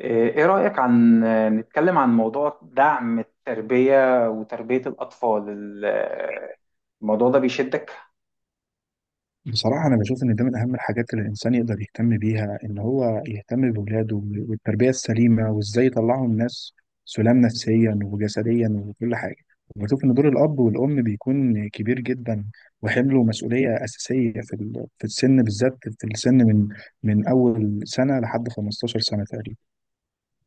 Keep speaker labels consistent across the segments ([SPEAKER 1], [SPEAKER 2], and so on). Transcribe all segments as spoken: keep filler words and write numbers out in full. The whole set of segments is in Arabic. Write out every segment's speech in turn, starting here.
[SPEAKER 1] إيه رأيك، عن نتكلم عن موضوع دعم التربية وتربية الأطفال. ال- الموضوع ده بيشدك؟
[SPEAKER 2] بصراحة أنا بشوف إن ده من أهم الحاجات اللي الإنسان يقدر يهتم بيها، إن هو يهتم بولاده والتربية السليمة وإزاي يطلعهم ناس سلام نفسيا وجسديا وكل حاجة. وبشوف إن دور الأب والأم بيكون كبير جدا وحمله مسؤولية أساسية في ال- في السن، بالذات في السن من من أول سنة لحد خمسة عشر سنة تقريبا.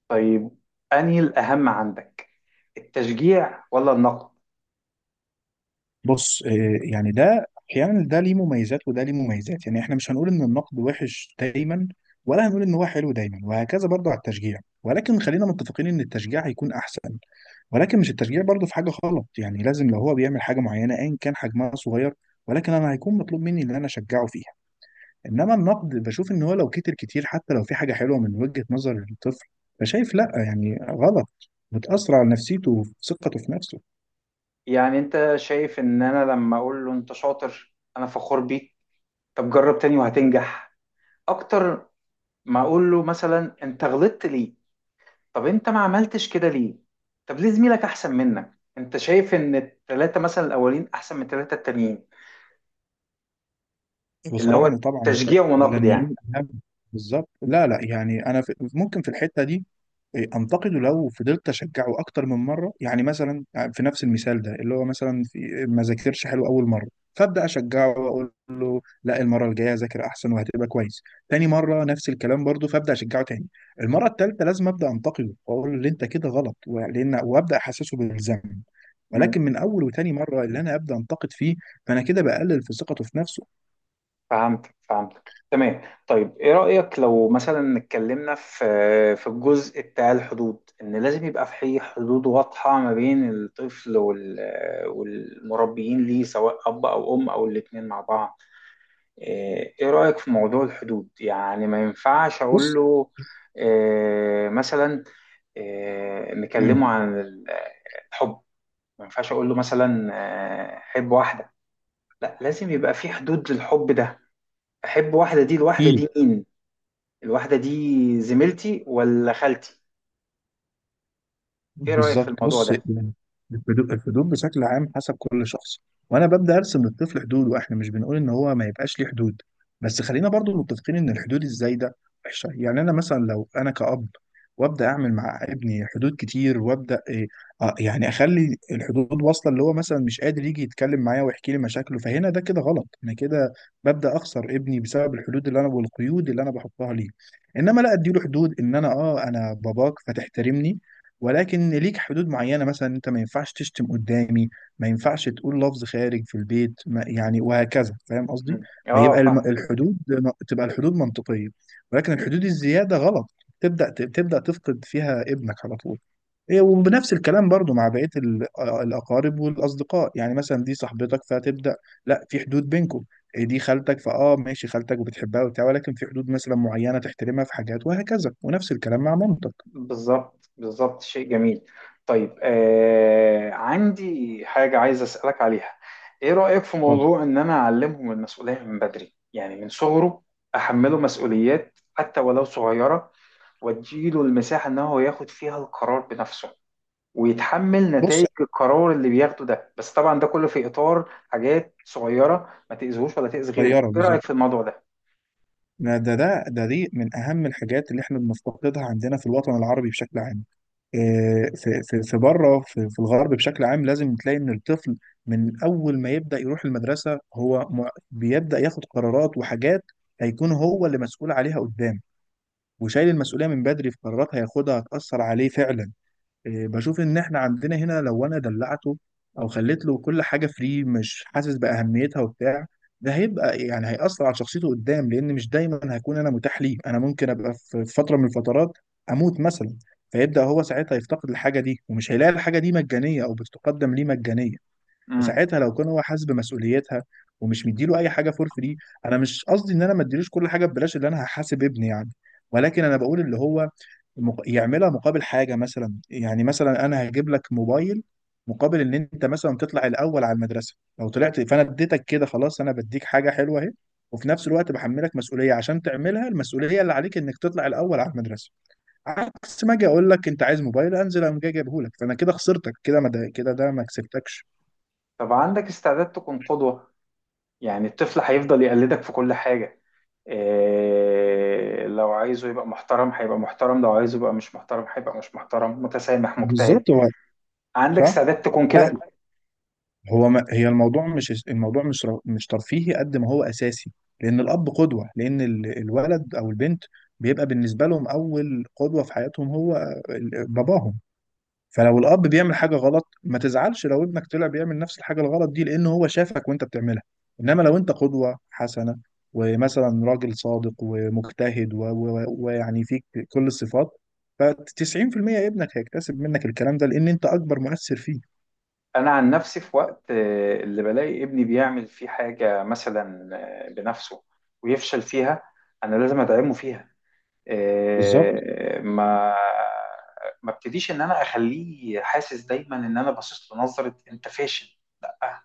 [SPEAKER 1] طيب، أنهي الأهم عندك، التشجيع ولا النقد؟
[SPEAKER 2] بص، آه، يعني ده احيانا ده ليه مميزات وده ليه مميزات. يعني احنا مش هنقول ان النقد وحش دايما، ولا هنقول ان هو حلو دايما، وهكذا برضه على التشجيع، ولكن خلينا متفقين ان التشجيع هيكون احسن. ولكن مش التشجيع برضه في حاجه غلط، يعني لازم لو هو بيعمل حاجه معينه ايا كان حجمها صغير، ولكن انا هيكون مطلوب مني ان انا اشجعه فيها. انما النقد بشوف ان هو لو كتر كتير، حتى لو في حاجه حلوه من وجهه نظر الطفل، فشايف لا يعني غلط، بتاثر على نفسيته وثقته في نفسه.
[SPEAKER 1] يعني أنت شايف إن أنا لما أقول له أنت شاطر، أنا فخور بيك، طب جرب تاني وهتنجح أكتر، ما أقول له مثلا أنت غلطت ليه؟ طب أنت ما عملتش كده ليه؟ طب ليه زميلك أحسن منك؟ أنت شايف إن التلاتة مثلا الأولين أحسن من التلاتة التانيين؟ اللي
[SPEAKER 2] بصراحة
[SPEAKER 1] هو
[SPEAKER 2] أنا طبعا الثلاثة
[SPEAKER 1] تشجيع ونقد يعني.
[SPEAKER 2] الأولانيين أهم. بالظبط، لا لا يعني أنا في ممكن في الحتة دي إيه، أنتقده لو فضلت أشجعه أكتر من مرة. يعني مثلا، آه، في نفس المثال ده، اللي هو مثلا في ما ذاكرش حلو أول مرة، فأبدأ أشجعه وأقول له لا، المرة الجاية ذاكر أحسن وهتبقى كويس. تاني مرة نفس الكلام برضه، فأبدأ أشجعه تاني. المرة التالتة لازم أبدأ أنتقده وأقول له اللي أنت كده غلط ولأن، وأبدأ أحسسه بالذنب.
[SPEAKER 1] مم.
[SPEAKER 2] ولكن من أول وتاني مرة اللي أنا أبدأ أنتقد فيه، فأنا كده بقلل في ثقته في نفسه.
[SPEAKER 1] فهمتك فهمتك تمام. طيب، ايه رأيك لو مثلا اتكلمنا في في الجزء بتاع الحدود، ان لازم يبقى في حدود واضحة ما بين الطفل وال والمربيين ليه، سواء اب او ام او الاتنين مع بعض؟ ايه إيه رأيك في موضوع الحدود؟ يعني ما ينفعش اقول
[SPEAKER 2] بص،
[SPEAKER 1] له إيه مثلا؟ إيه نكلمه عن ال- الحب؟ ما ينفعش اقول له مثلا، آه، حب واحدة. لا، لازم يبقى في حدود للحب ده. احب واحده، دي الواحده
[SPEAKER 2] اكيد.
[SPEAKER 1] دي مين؟ الواحده دي زميلتي ولا خالتي؟ ايه رايك في
[SPEAKER 2] بالظبط،
[SPEAKER 1] الموضوع
[SPEAKER 2] بص
[SPEAKER 1] ده؟
[SPEAKER 2] يعني، الحدود الحدود بشكل عام حسب كل شخص، وانا ببدا ارسم للطفل حدوده. احنا مش بنقول ان هو ما يبقاش ليه حدود، بس خلينا برضو متفقين ان الحدود الزايده وحشه. يعني انا مثلا لو انا كأب وابدا اعمل مع ابني حدود كتير وابدا إيه، آه يعني اخلي الحدود واصله اللي هو مثلا مش قادر يجي يتكلم معايا ويحكي لي مشاكله، فهنا ده كده غلط، انا كده ببدا اخسر ابني بسبب الحدود اللي انا والقيود اللي انا بحطها ليه. انما لا، اديله حدود ان انا اه انا باباك فتحترمني، ولكن ليك حدود معينة. مثلا انت ما ينفعش تشتم قدامي، ما ينفعش تقول لفظ خارج في البيت، ما يعني، وهكذا. فاهم قصدي؟
[SPEAKER 1] مم.
[SPEAKER 2] ما
[SPEAKER 1] اه،
[SPEAKER 2] يبقى الم-
[SPEAKER 1] فاهمك.
[SPEAKER 2] الحدود، تبقى الحدود منطقية، ولكن الحدود الزيادة غلط، تبدأ تبدأ تفقد فيها ابنك على طول. إيه، وبنفس الكلام برضو مع بقية ال- آه، الأقارب والأصدقاء. يعني مثلا دي صاحبتك، فتبدأ لا، في حدود بينكم. إيه، دي خالتك، فاه ماشي خالتك وبتحبها وبتاع، ولكن في حدود مثلا معينة تحترمها في حاجات، وهكذا، ونفس الكلام مع مامتك.
[SPEAKER 1] بالظبط بالظبط، شيء جميل. طيب، آه عندي حاجه عايز اسالك عليها. ايه رايك في
[SPEAKER 2] طب
[SPEAKER 1] موضوع ان انا اعلمهم المسؤوليه من بدري، يعني من صغره احمله مسؤوليات حتى ولو صغيره، واديله المساحه ان هو ياخد فيها القرار بنفسه، ويتحمل
[SPEAKER 2] بص،
[SPEAKER 1] نتائج القرار اللي بياخده ده، بس طبعا ده كله في إطار حاجات صغيرة ما تأذيهوش ولا تأذي غيره.
[SPEAKER 2] طيارة
[SPEAKER 1] إيه
[SPEAKER 2] بالظبط.
[SPEAKER 1] رأيك في الموضوع ده؟
[SPEAKER 2] ده ده ده ده دي من أهم الحاجات اللي احنا بنفتقدها عندنا في الوطن العربي بشكل عام. إيه، في في في بره في, في الغرب بشكل عام لازم تلاقي إن الطفل من أول ما يبدأ يروح المدرسة هو م- بيبدأ ياخد قرارات وحاجات هيكون هو اللي مسؤول عليها قدام، وشايل المسؤولية من بدري في قرارات هياخدها هتأثر عليه فعلا. إيه، بشوف ان احنا عندنا هنا لو انا دلعته او خليت له كل حاجه فري، مش حاسس باهميتها وبتاع، ده هيبقى يعني هيأثر على شخصيته قدام، لان مش دايما هكون انا متاح ليه. انا ممكن ابقى في في فتره من الفترات اموت مثلا، فيبدأ هو ساعتها يفتقد الحاجه دي، ومش هيلاقي الحاجه دي مجانيه او بتقدم ليه مجانيه.
[SPEAKER 1] امم.
[SPEAKER 2] فساعتها لو كان هو حاسس بمسؤوليتها ومش مديله اي حاجه فور فري. انا مش قصدي ان انا ما اديلوش كل حاجه ببلاش، اللي انا هحاسب ابني يعني، ولكن انا بقول اللي هو مق- يعملها مقابل حاجة. مثلا يعني مثلا أنا هجيب لك موبايل مقابل إن أنت مثلا تطلع الأول على المدرسة. لو طلعت فأنا اديتك كده، خلاص أنا بديك حاجة حلوة أهي، وفي نفس الوقت بحملك مسؤولية عشان تعملها، المسؤولية اللي عليك إنك تطلع الأول على المدرسة. عكس ما أجي أقول لك أنت عايز موبايل أنزل أقوم جاي جايبهولك، فأنا كده خسرتك كده، ما ده كده ده ما كسبتكش.
[SPEAKER 1] طب عندك استعداد تكون قدوة؟ يعني الطفل هيفضل يقلدك في كل حاجة. إيه لو عايزه يبقى محترم هيبقى محترم، لو عايزه يبقى مش محترم هيبقى مش محترم، متسامح، مجتهد.
[SPEAKER 2] بالظبط هو.
[SPEAKER 1] عندك
[SPEAKER 2] صح؟
[SPEAKER 1] استعداد تكون كده؟
[SPEAKER 2] لا، هو ما هي الموضوع مش الموضوع مش ر- مش ترفيهي قد ما هو اساسي. لان الاب قدوه، لان ال- الولد او البنت بيبقى بالنسبه لهم اول قدوه في حياتهم هو ال- باباهم. فلو الاب بيعمل حاجه غلط، ما تزعلش لو ابنك طلع بيعمل نفس الحاجه الغلط دي، لان هو شافك وانت بتعملها. انما لو انت قدوه حسنه، ومثلا راجل صادق ومجتهد و- و- ويعني فيك كل الصفات، ف تسعين في المية ابنك هيكتسب منك الكلام ده، لان انت اكبر مؤثر فيه.
[SPEAKER 1] أنا عن نفسي، في وقت آه، اللي بلاقي ابني بيعمل فيه حاجة مثلا آه، بنفسه ويفشل فيها، أنا لازم أدعمه فيها.
[SPEAKER 2] بالظبط.
[SPEAKER 1] آه، ما ما ابتديش ان انا اخليه حاسس دايما ان انا باصص له نظره انت فاشل، لا.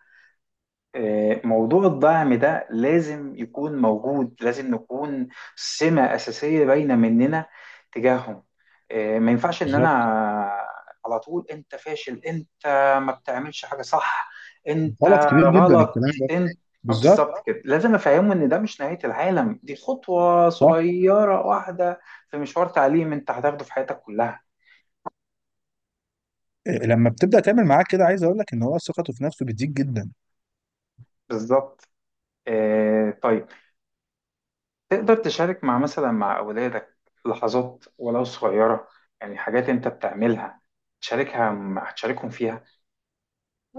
[SPEAKER 1] آه، موضوع الدعم ده لازم يكون موجود، لازم نكون سمة أساسية باينة مننا تجاههم. آه، ما ينفعش إن أنا
[SPEAKER 2] بالظبط.
[SPEAKER 1] على طول، أنت فاشل، أنت ما بتعملش حاجة صح، أنت
[SPEAKER 2] غلط كبير جدا
[SPEAKER 1] غلط،
[SPEAKER 2] الكلام ده.
[SPEAKER 1] أنت. آه،
[SPEAKER 2] بالظبط.
[SPEAKER 1] بالظبط كده، لازم أفهمه إن ده مش نهاية العالم، دي خطوة
[SPEAKER 2] صح.
[SPEAKER 1] صغيرة واحدة في مشوار تعليم أنت هتاخده في حياتك كلها.
[SPEAKER 2] إيه، لما بتبدا تعمل معاه كده، عايز اقول لك ان هو ثقته في نفسه بتزيد جدا.
[SPEAKER 1] بالظبط. آه، طيب، تقدر تشارك مع مثلا مع أولادك لحظات ولو صغيرة؟ يعني حاجات أنت بتعملها، تشاركها مع تشاركهم فيها.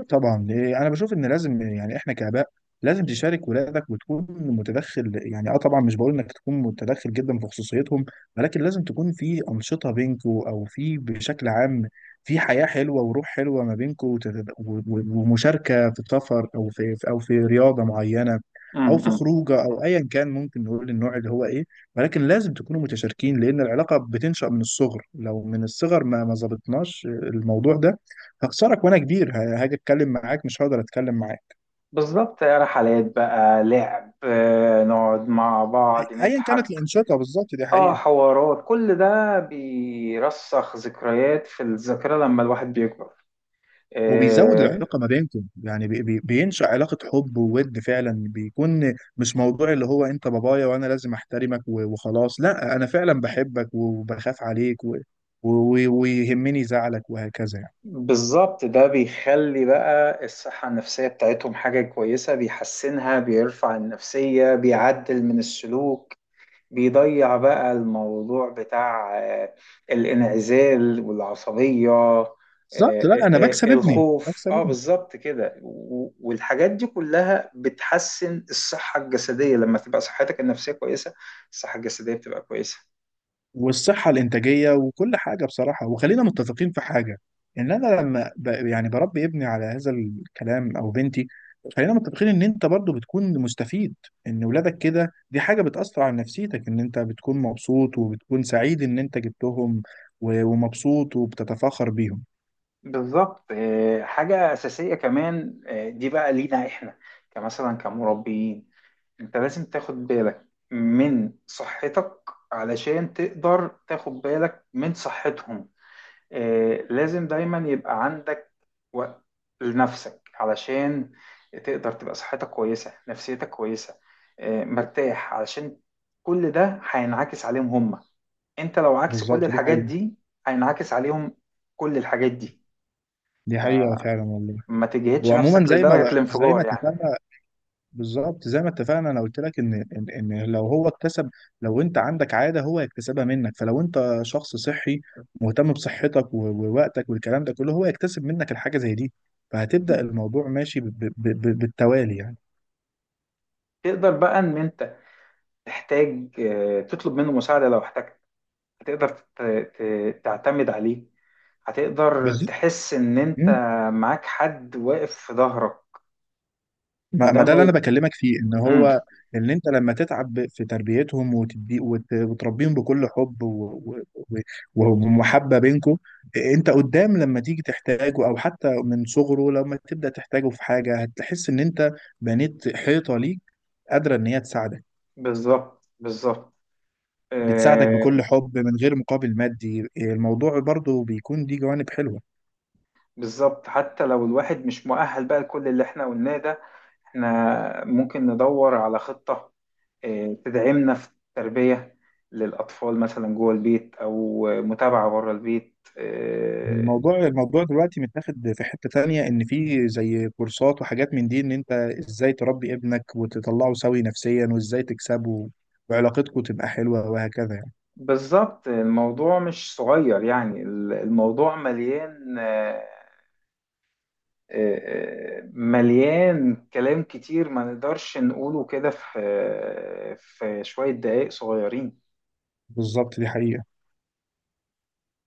[SPEAKER 2] طبعا، إيه، انا بشوف ان لازم يعني احنا كاباء لازم تشارك ولادك وتكون متدخل. يعني اه طبعا مش بقول انك تكون متدخل جدا في خصوصيتهم، ولكن لازم تكون في انشطه بينكوا او في بشكل عام في حياه حلوه وروح حلوه ما بينكوا، وتت- و- و- ومشاركه في سفر او في او في رياضه معينه او في
[SPEAKER 1] امم.
[SPEAKER 2] خروجه او ايا كان ممكن نقول النوع اللي هو ايه، ولكن لازم تكونوا متشاركين. لان العلاقه بتنشا من الصغر، لو من الصغر ما ما ظبطناش الموضوع ده هخسرك، وانا كبير ه- هاجي اتكلم معاك مش هقدر اتكلم معاك.
[SPEAKER 1] بالظبط، رحلات بقى، لعب، آه، نقعد مع بعض
[SPEAKER 2] ايا كانت
[SPEAKER 1] نضحك.
[SPEAKER 2] الانشقه بالظبط، دي
[SPEAKER 1] اه،
[SPEAKER 2] حقيقه.
[SPEAKER 1] حوارات، كل ده بيرسخ ذكريات في الذاكرة لما الواحد بيكبر.
[SPEAKER 2] وبيزود
[SPEAKER 1] آه،
[SPEAKER 2] العلاقه ما بينكم. يعني بي بي بينشا علاقه حب وود فعلا، بيكون مش موضوع اللي هو انت بابايا وانا لازم احترمك و- وخلاص. لا، انا فعلا بحبك وبخاف عليك و- و- و- ويهمني زعلك وهكذا يعني.
[SPEAKER 1] بالظبط. ده بيخلي بقى الصحة النفسية بتاعتهم حاجة كويسة، بيحسنها، بيرفع النفسية، بيعدل من السلوك، بيضيع بقى الموضوع بتاع آه، الانعزال والعصبية. آه،
[SPEAKER 2] بالظبط، لا
[SPEAKER 1] آه،
[SPEAKER 2] انا بكسب
[SPEAKER 1] آه،
[SPEAKER 2] ابني
[SPEAKER 1] الخوف،
[SPEAKER 2] بكسب
[SPEAKER 1] اه
[SPEAKER 2] ابني.
[SPEAKER 1] بالظبط كده. و- والحاجات دي كلها بتحسن الصحة الجسدية، لما تبقى صحتك النفسية كويسة، الصحة الجسدية بتبقى كويسة.
[SPEAKER 2] والصحة الإنتاجية وكل حاجة بصراحة. وخلينا متفقين في حاجة، إن أنا لما ب... يعني بربي ابني على هذا الكلام أو بنتي، خلينا متفقين إن أنت برضو بتكون مستفيد إن ولادك كده. دي حاجة بتأثر على نفسيتك، إن أنت بتكون مبسوط وبتكون سعيد إن أنت جبتهم و... ومبسوط وبتتفاخر بيهم.
[SPEAKER 1] بالظبط. آه، حاجة أساسية كمان، آه، دي بقى لينا إحنا كمثلا كمربيين، أنت لازم تاخد بالك من صحتك علشان تقدر تاخد بالك من صحتهم. آه، لازم دايما يبقى عندك وقت لنفسك علشان تقدر تبقى صحتك كويسة، نفسيتك كويسة، آه، مرتاح، علشان كل ده هينعكس عليهم هم، انت لو عكس كل
[SPEAKER 2] بالظبط دي
[SPEAKER 1] الحاجات
[SPEAKER 2] حقيقة.
[SPEAKER 1] دي هينعكس عليهم كل الحاجات دي.
[SPEAKER 2] دي حقيقة فعلا والله.
[SPEAKER 1] ما تجهدش
[SPEAKER 2] وعموما
[SPEAKER 1] نفسك
[SPEAKER 2] زي ما
[SPEAKER 1] لدرجة
[SPEAKER 2] ب... زي ما
[SPEAKER 1] الانفجار يعني.
[SPEAKER 2] اتفقنا. بالظبط زي ما اتفقنا، انا قلت لك ان ان إن لو هو اكتسب، لو انت عندك عاده هو يكتسبها منك. فلو انت شخص صحي مهتم بصحتك و- ووقتك والكلام ده كله، هو يكتسب منك الحاجه زي دي،
[SPEAKER 1] م.
[SPEAKER 2] فهتبدا الموضوع ماشي ب- ب- ب- بالتوالي يعني.
[SPEAKER 1] تقدر بقى ان انت تحتاج آه، تطلب منه مساعدة لو احتجت. تقدر ت- ت- تعتمد عليه، هتقدر
[SPEAKER 2] بالظبط،
[SPEAKER 1] تحس ان انت معاك حد واقف في ظهرك،
[SPEAKER 2] ما
[SPEAKER 1] وده
[SPEAKER 2] ما ده
[SPEAKER 1] مو.
[SPEAKER 2] اللي انا بكلمك فيه، ان
[SPEAKER 1] امم.
[SPEAKER 2] هو ان انت لما تتعب في تربيتهم وتدي وت- وتربيهم بكل حب و- و- و- ومحبه بينكم، انت قدام لما تيجي تحتاجه، او حتى من صغره لما تبدا تحتاجه في حاجه، هتحس ان انت بنيت حيطه ليك قادره ان هي تساعدك،
[SPEAKER 1] بالظبط بالظبط.
[SPEAKER 2] بتساعدك
[SPEAKER 1] آه
[SPEAKER 2] بكل حب من غير مقابل مادي. الموضوع برضو بيكون دي جوانب حلوه.
[SPEAKER 1] بالظبط، حتى لو الواحد مش مؤهل بقى لكل اللي احنا قلناه ده، احنا ممكن ندور على خطة آه تدعمنا في التربية للأطفال، مثلا جوه البيت أو متابعة بره البيت. آه
[SPEAKER 2] الموضوع الموضوع دلوقتي متاخد في حتة تانية، ان في زي كورسات وحاجات من دي ان انت ازاي تربي ابنك وتطلعه سوي نفسيا، وازاي تكسبه وعلاقتكم تبقى حلوة وهكذا يعني.
[SPEAKER 1] بالظبط، الموضوع مش صغير يعني، الموضوع مليان، آه مليان كلام كتير، ما نقدرش نقوله كده في في شوية دقايق صغيرين.
[SPEAKER 2] بالظبط دي حقيقة.